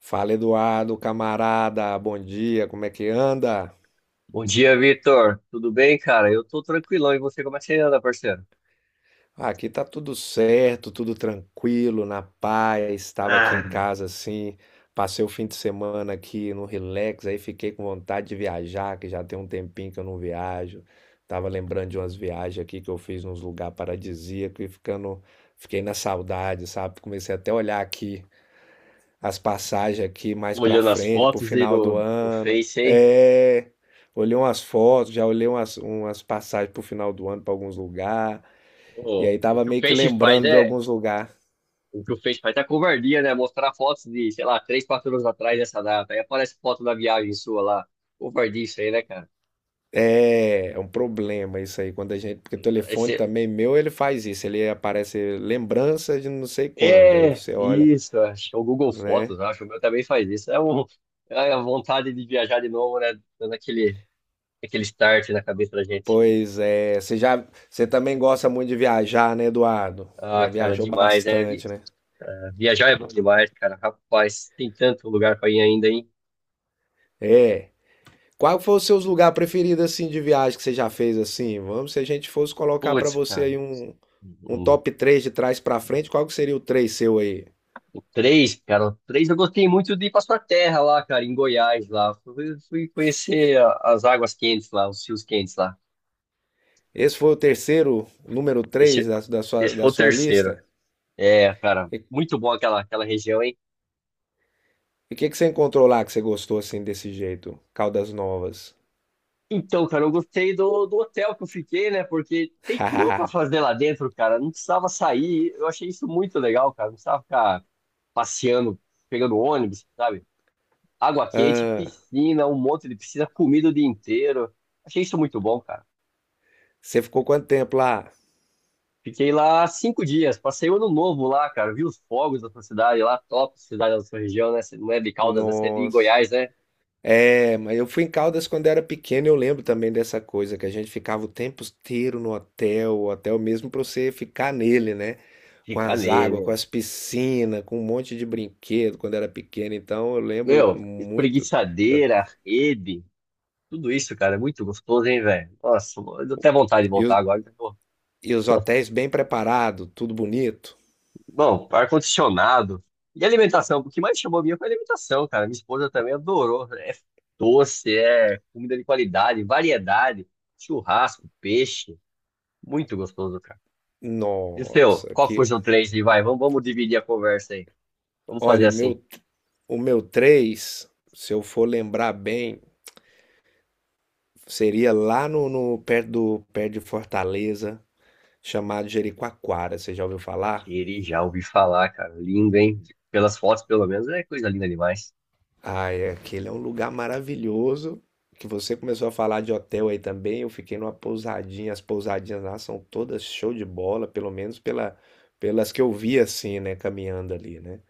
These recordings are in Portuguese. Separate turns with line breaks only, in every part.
Fala Eduardo, camarada, bom dia, como é que anda?
Bom dia, Vitor. Tudo bem, cara? Eu tô tranquilão. E você, como é que você anda, parceiro?
Ah, aqui tá tudo certo, tudo tranquilo, na paz. Estava aqui em casa assim, passei o fim de semana aqui no relax, aí fiquei com vontade de viajar, que já tem um tempinho que eu não viajo. Tava lembrando de umas viagens aqui que eu fiz nos lugares paradisíacos e fiquei na saudade, sabe? Comecei até a olhar aqui as passagens aqui mais para
Olhando as
frente, pro
fotos aí
final
do,
do
do
ano.
Face, hein?
É, olhei umas fotos, já olhei umas passagens pro final do ano para alguns lugares. E
Ô,
aí
o
tava
que o
meio que
Face faz
lembrando de
é.
alguns lugares.
O que o Face faz é covardia, né? Mostrar fotos de, sei lá, 3, 4 anos atrás dessa data. Aí aparece foto da viagem sua lá. Covardia isso aí, né, cara?
É um problema isso aí quando a gente, porque o telefone
Esse
também meu, ele faz isso, ele aparece lembrança de não sei quando, aí
É,
você olha,
isso. Acho que é o Google
né?
Fotos, acho. O meu também faz isso. É a vontade de viajar de novo, né? Dando aquele start na cabeça da gente.
Pois é, você também gosta muito de viajar, né, Eduardo?
Ah,
Já
cara,
viajou
demais, né?
bastante, né?
Viajar é bom demais, cara. Rapaz, tem tanto lugar pra ir ainda, hein?
É. Qual foi o seu lugar preferido assim de viagem que você já fez assim? Vamos, se a gente fosse colocar pra
Putz,
você
cara.
aí um
O
top três de trás pra frente, qual que seria o 3 seu aí?
o três, cara, o três eu gostei muito de ir pra sua terra lá, cara, em Goiás lá. Fui conhecer as águas quentes lá, os rios quentes lá.
Esse foi o terceiro, número 3
Esse,
da, da sua,
esse
da
foi o
sua
terceiro.
lista?
É, cara,
E
muito bom aquela região, hein?
o que que você encontrou lá que você gostou assim desse jeito? Caldas Novas.
Então, cara, eu gostei do hotel que eu fiquei, né? Porque tem tudo pra fazer lá dentro, cara. Não precisava sair. Eu achei isso muito legal, cara. Não precisava ficar passeando, pegando ônibus, sabe? Água quente, piscina, um monte de piscina, comida o dia inteiro. Achei isso muito bom, cara.
Você ficou quanto tempo lá?
Fiquei lá 5 dias, passei o ano novo lá, cara. Vi os fogos da sua cidade lá, top cidade da sua região, né? Não é de Caldas, né? Você é de
Nossa.
Goiás, né?
É, mas eu fui em Caldas quando era pequeno, eu lembro também dessa coisa, que a gente ficava o tempo inteiro no hotel, o hotel mesmo para você ficar nele, né? Com
Fica
as águas, com
nele.
as piscinas, com um monte de brinquedo quando era pequeno, então eu lembro
Meu,
muito.
espreguiçadeira, rede, tudo isso, cara, é muito gostoso, hein, velho? Nossa, eu tô até vontade de
E
voltar
os,
agora.
e os hotéis bem preparados, tudo bonito.
Bom, ar-condicionado. E alimentação, o que mais chamou a minha foi a alimentação, cara. Minha esposa também adorou. É doce, é comida de qualidade, variedade, churrasco, peixe. Muito gostoso, cara. E o seu?
Nossa,
Qual que foi o
que.
seu três? E vamos dividir a conversa aí. Vamos fazer
Olha, o
assim.
meu, o meu três, se eu for lembrar bem, seria lá perto de Fortaleza, chamado Jericoacoara. Você já ouviu falar?
Ele Já ouvi falar, cara. Lindo, hein? Pelas fotos, pelo menos, é coisa linda demais.
Ai, aquele é um lugar maravilhoso. Que você começou a falar de hotel aí também. Eu fiquei numa pousadinha. As pousadinhas lá são todas show de bola, pelo menos pelas que eu vi assim, né? Caminhando ali, né?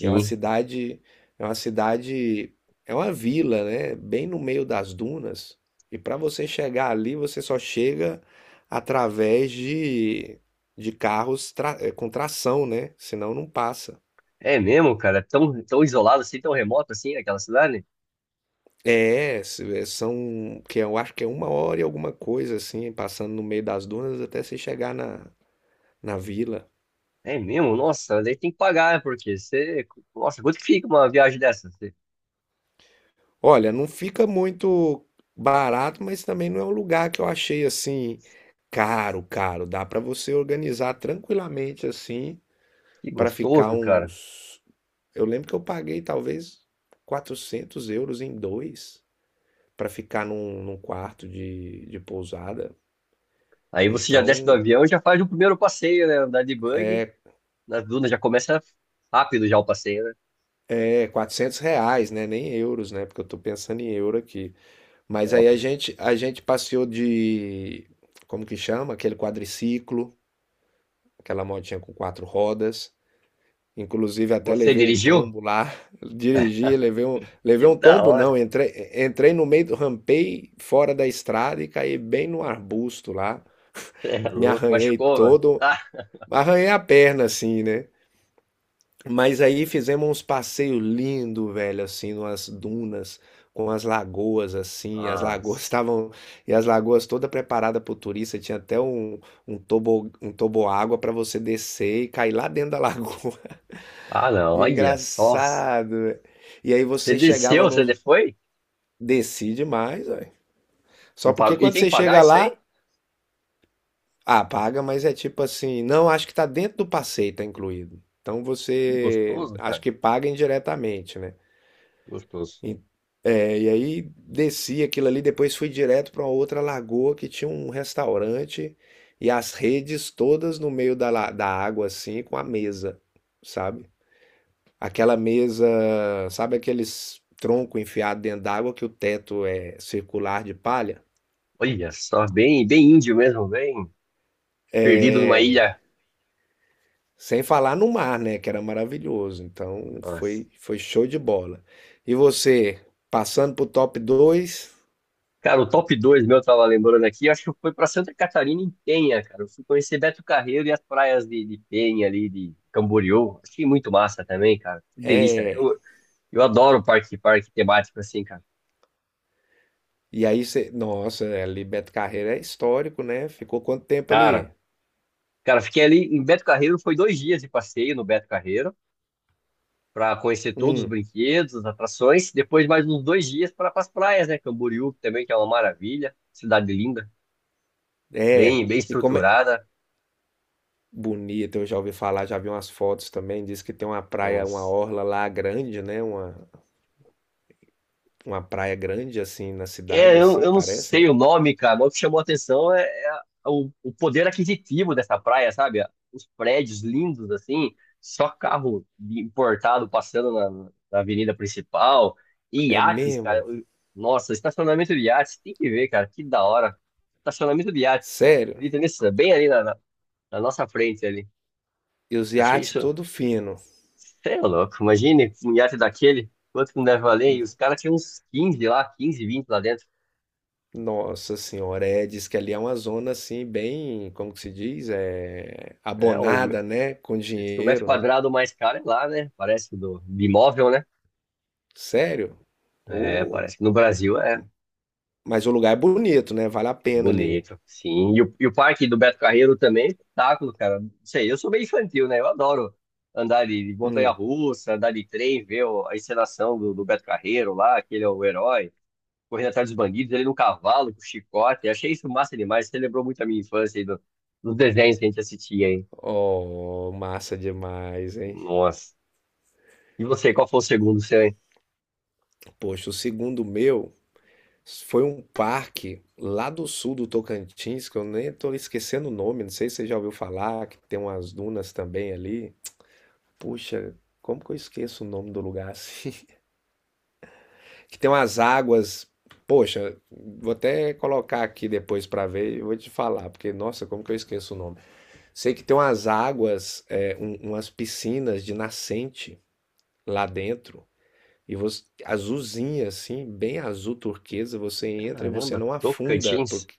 E é uma cidade, é uma cidade, é uma vila, né? Bem no meio das dunas. E para você chegar ali, você só chega através de carros com tração, né? Senão não passa.
É mesmo, cara? É tão isolado assim, tão remoto assim, aquela cidade?
Que eu acho que é uma hora e alguma coisa assim, passando no meio das dunas até você chegar na vila.
É mesmo? Nossa, daí tem que pagar, né? Porque você. Nossa, quanto que fica uma viagem dessa?
Olha, não fica muito barato, mas também não é um lugar que eu achei assim caro, caro. Dá pra você organizar tranquilamente assim
Que
pra ficar
gostoso, cara.
uns. Eu lembro que eu paguei talvez 400 euros em dois pra ficar num quarto de pousada.
Aí você já desce do
Então,
avião e já faz o primeiro passeio, né? Andar de buggy. Nas dunas já começa rápido já o passeio, né?
é R$ 400, né? Nem euros, né? Porque eu tô pensando em euro aqui. Mas aí
Top.
a gente passeou de, como que chama? Aquele quadriciclo, aquela motinha com quatro rodas. Inclusive até
Você
levei um
dirigiu?
tombo lá, dirigi, levei
Que
um
da
tombo
hora.
não, entrei no meio, rampei fora da estrada e caí bem no arbusto lá.
Você é
Me
louco.
arranhei
Machucou, mano.
todo,
Ah,
arranhei a perna assim, né? Mas aí fizemos uns passeios lindos, velho, assim, numas dunas, com as lagoas, assim, as lagoas
nossa.
estavam, e as lagoas toda preparada para o turista, tinha até um toboágua para você descer e cair lá dentro da lagoa.
Ah, não. Olha só.
Engraçado, velho. E aí
Você
você
desceu,
chegava
você
no...
foi?
Desci demais, velho.
E,
Só porque
e
quando
tem que
você
pagar
chega
isso
lá,
aí?
ah, paga, mas é tipo assim, não, acho que tá dentro do passeio, tá incluído. Então
Que
você,
gostoso,
acho
cara.
que paga indiretamente, né?
Gostoso.
E, e aí desci aquilo ali, depois fui direto para outra lagoa que tinha um restaurante e as redes todas no meio da água, assim, com a mesa, sabe? Aquela mesa, sabe aqueles tronco enfiado dentro d'água que o teto é circular de palha?
Olha só. Bem, bem índio mesmo, bem perdido numa
É,
ilha.
sem falar no mar, né? Que era maravilhoso. Então
Nossa.
foi show de bola. E você, passando pro top dois.
Cara, o top 2 meu, eu tava lembrando aqui, acho que foi pra Santa Catarina em Penha, cara. Eu fui conhecer Beto Carreiro e as praias de Penha ali, de Camboriú. Achei muito massa também, cara. Que delícia.
é
Eu adoro parque temático assim, cara.
E aí você. Nossa, ali Beto Carreiro é histórico, né? Ficou quanto tempo ali?
Cara, cara, fiquei ali em Beto Carreiro, foi 2 dias de passeio no Beto Carreiro, pra conhecer todos os
Hum,
brinquedos, as atrações. Depois mais uns 2 dias para as praias, né? Camboriú também, que é uma maravilha. Cidade linda,
é.
bem, bem
E como é.
estruturada.
Bonito, eu já ouvi falar, já vi umas fotos também. Diz que tem uma praia, uma
Nossa.
orla lá grande, né? Uma praia grande, assim, na
É,
cidade,
eu,
assim,
eu não
parece, né?
sei o nome, cara, mas o que chamou a atenção é o poder aquisitivo dessa praia, sabe? Os prédios lindos, assim, só carro importado passando na avenida principal, e
É
iates, cara.
mesmo?
Nossa, estacionamento de iates, tem que ver, cara, que da hora. Estacionamento de iates,
Sério?
acredita nisso? Bem ali na nossa frente ali.
E os
Achei
iates
isso,
todo fino.
sei é louco, imagine um iate daquele, quanto que não deve valer, e os caras tinham uns 15 lá, 15 20 lá dentro.
Nossa senhora, é, diz que ali é uma zona, assim, bem, como que se diz? É,
É,
abonada, né? Com
diz que o metro
dinheiro, né?
quadrado mais caro é lá, né? Parece que do de imóvel, né?
Sério?
É,
Ô,
parece que no Brasil é
mas o lugar é bonito, né? Vale a pena ali.
bonito, sim. E o parque do Beto Carreiro também é espetáculo, cara. Não sei, eu sou meio infantil, né? Eu adoro andar de
Hum.
montanha-russa, andar de trem, ver a encenação do Beto Carreiro lá, aquele é o herói, correndo atrás dos bandidos, ele no cavalo, com chicote. Achei isso massa demais. Você lembrou muito a minha infância aí dos desenhos que a gente assistia, hein?
Oh, massa demais, hein?
Nossa. E você, qual foi o segundo seu, hein?
Poxa, o segundo meu foi um parque lá do sul do Tocantins, que eu nem tô esquecendo o nome, não sei se você já ouviu falar, que tem umas dunas também ali. Puxa, como que eu esqueço o nome do lugar assim? Que tem umas águas. Poxa, vou até colocar aqui depois pra ver e vou te falar, porque nossa, como que eu esqueço o nome? Sei que tem umas águas, umas piscinas de nascente, lá dentro, e você azulzinha assim, bem azul turquesa, você entra e você
Caramba,
não afunda,
Tocantins?
porque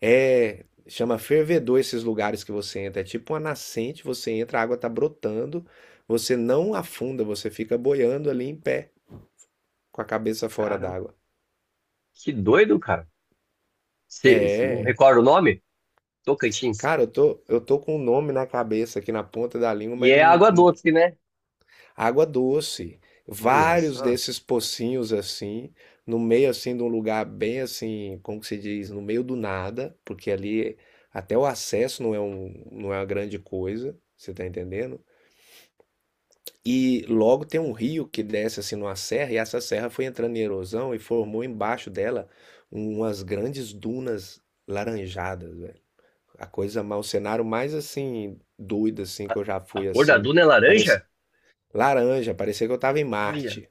é chama fervedor esses lugares que você entra, é tipo uma nascente, você entra, a água tá brotando, você não afunda, você fica boiando ali em pé, com a cabeça fora
Caramba.
d'água.
Que doido, cara. Você não
É,
recorda o nome? Tocantins.
cara, eu tô com um nome na cabeça aqui na ponta da língua,
E
mas
é
não
água doce, né?
água doce,
Olha
vários
só.
desses pocinhos assim, no meio assim de um lugar bem assim, como que se diz, no meio do nada, porque ali até o acesso não é um, não é uma grande coisa, você tá entendendo? E logo tem um rio que desce assim numa serra e essa serra foi entrando em erosão e formou embaixo dela umas grandes dunas laranjadas, velho. O cenário mais assim doido assim
A,
que eu já
a
fui
cor da
assim,
duna é laranja?
parece laranja, parecia que eu tava em
Olha,
Marte.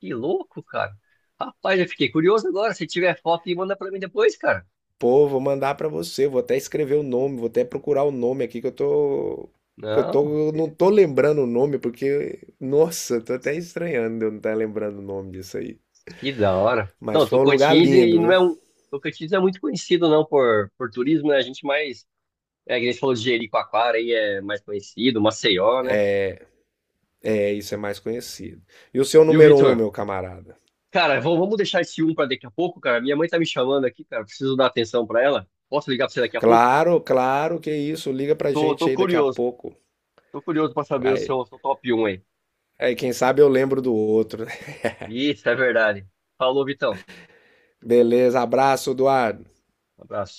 que louco, cara. Rapaz, eu fiquei curioso agora. Se tiver foto, manda pra mim depois, cara.
Pô, vou mandar pra você, vou até escrever o nome, vou até procurar o nome aqui que eu
Não,
tô não tô lembrando o nome porque nossa, tô até estranhando de eu não estar lembrando o nome disso aí.
que da hora.
Mas
Não,
foi um lugar
Tocantins e
lindo,
não
viu?
é um. Tocantins não é muito conhecido, não, por turismo, né? A gente mais. É, que a gente falou de Jericoacoara aí é mais conhecido, Maceió, né?
É, isso é mais conhecido. E o seu
E o
número um,
Vitor?
meu camarada?
Cara, vamos deixar esse um pra daqui a pouco, cara. Minha mãe tá me chamando aqui, cara. Preciso dar atenção pra ela. Posso ligar pra você daqui a pouco?
Claro, claro que é isso. Liga pra
Tô
gente aí daqui a
curioso.
pouco.
Tô curioso pra saber o
Aí,
seu top um, aí.
aí quem sabe eu lembro do outro, né?
Isso, é verdade. Falou, Vitão.
Beleza, abraço, Eduardo.
Um abraço.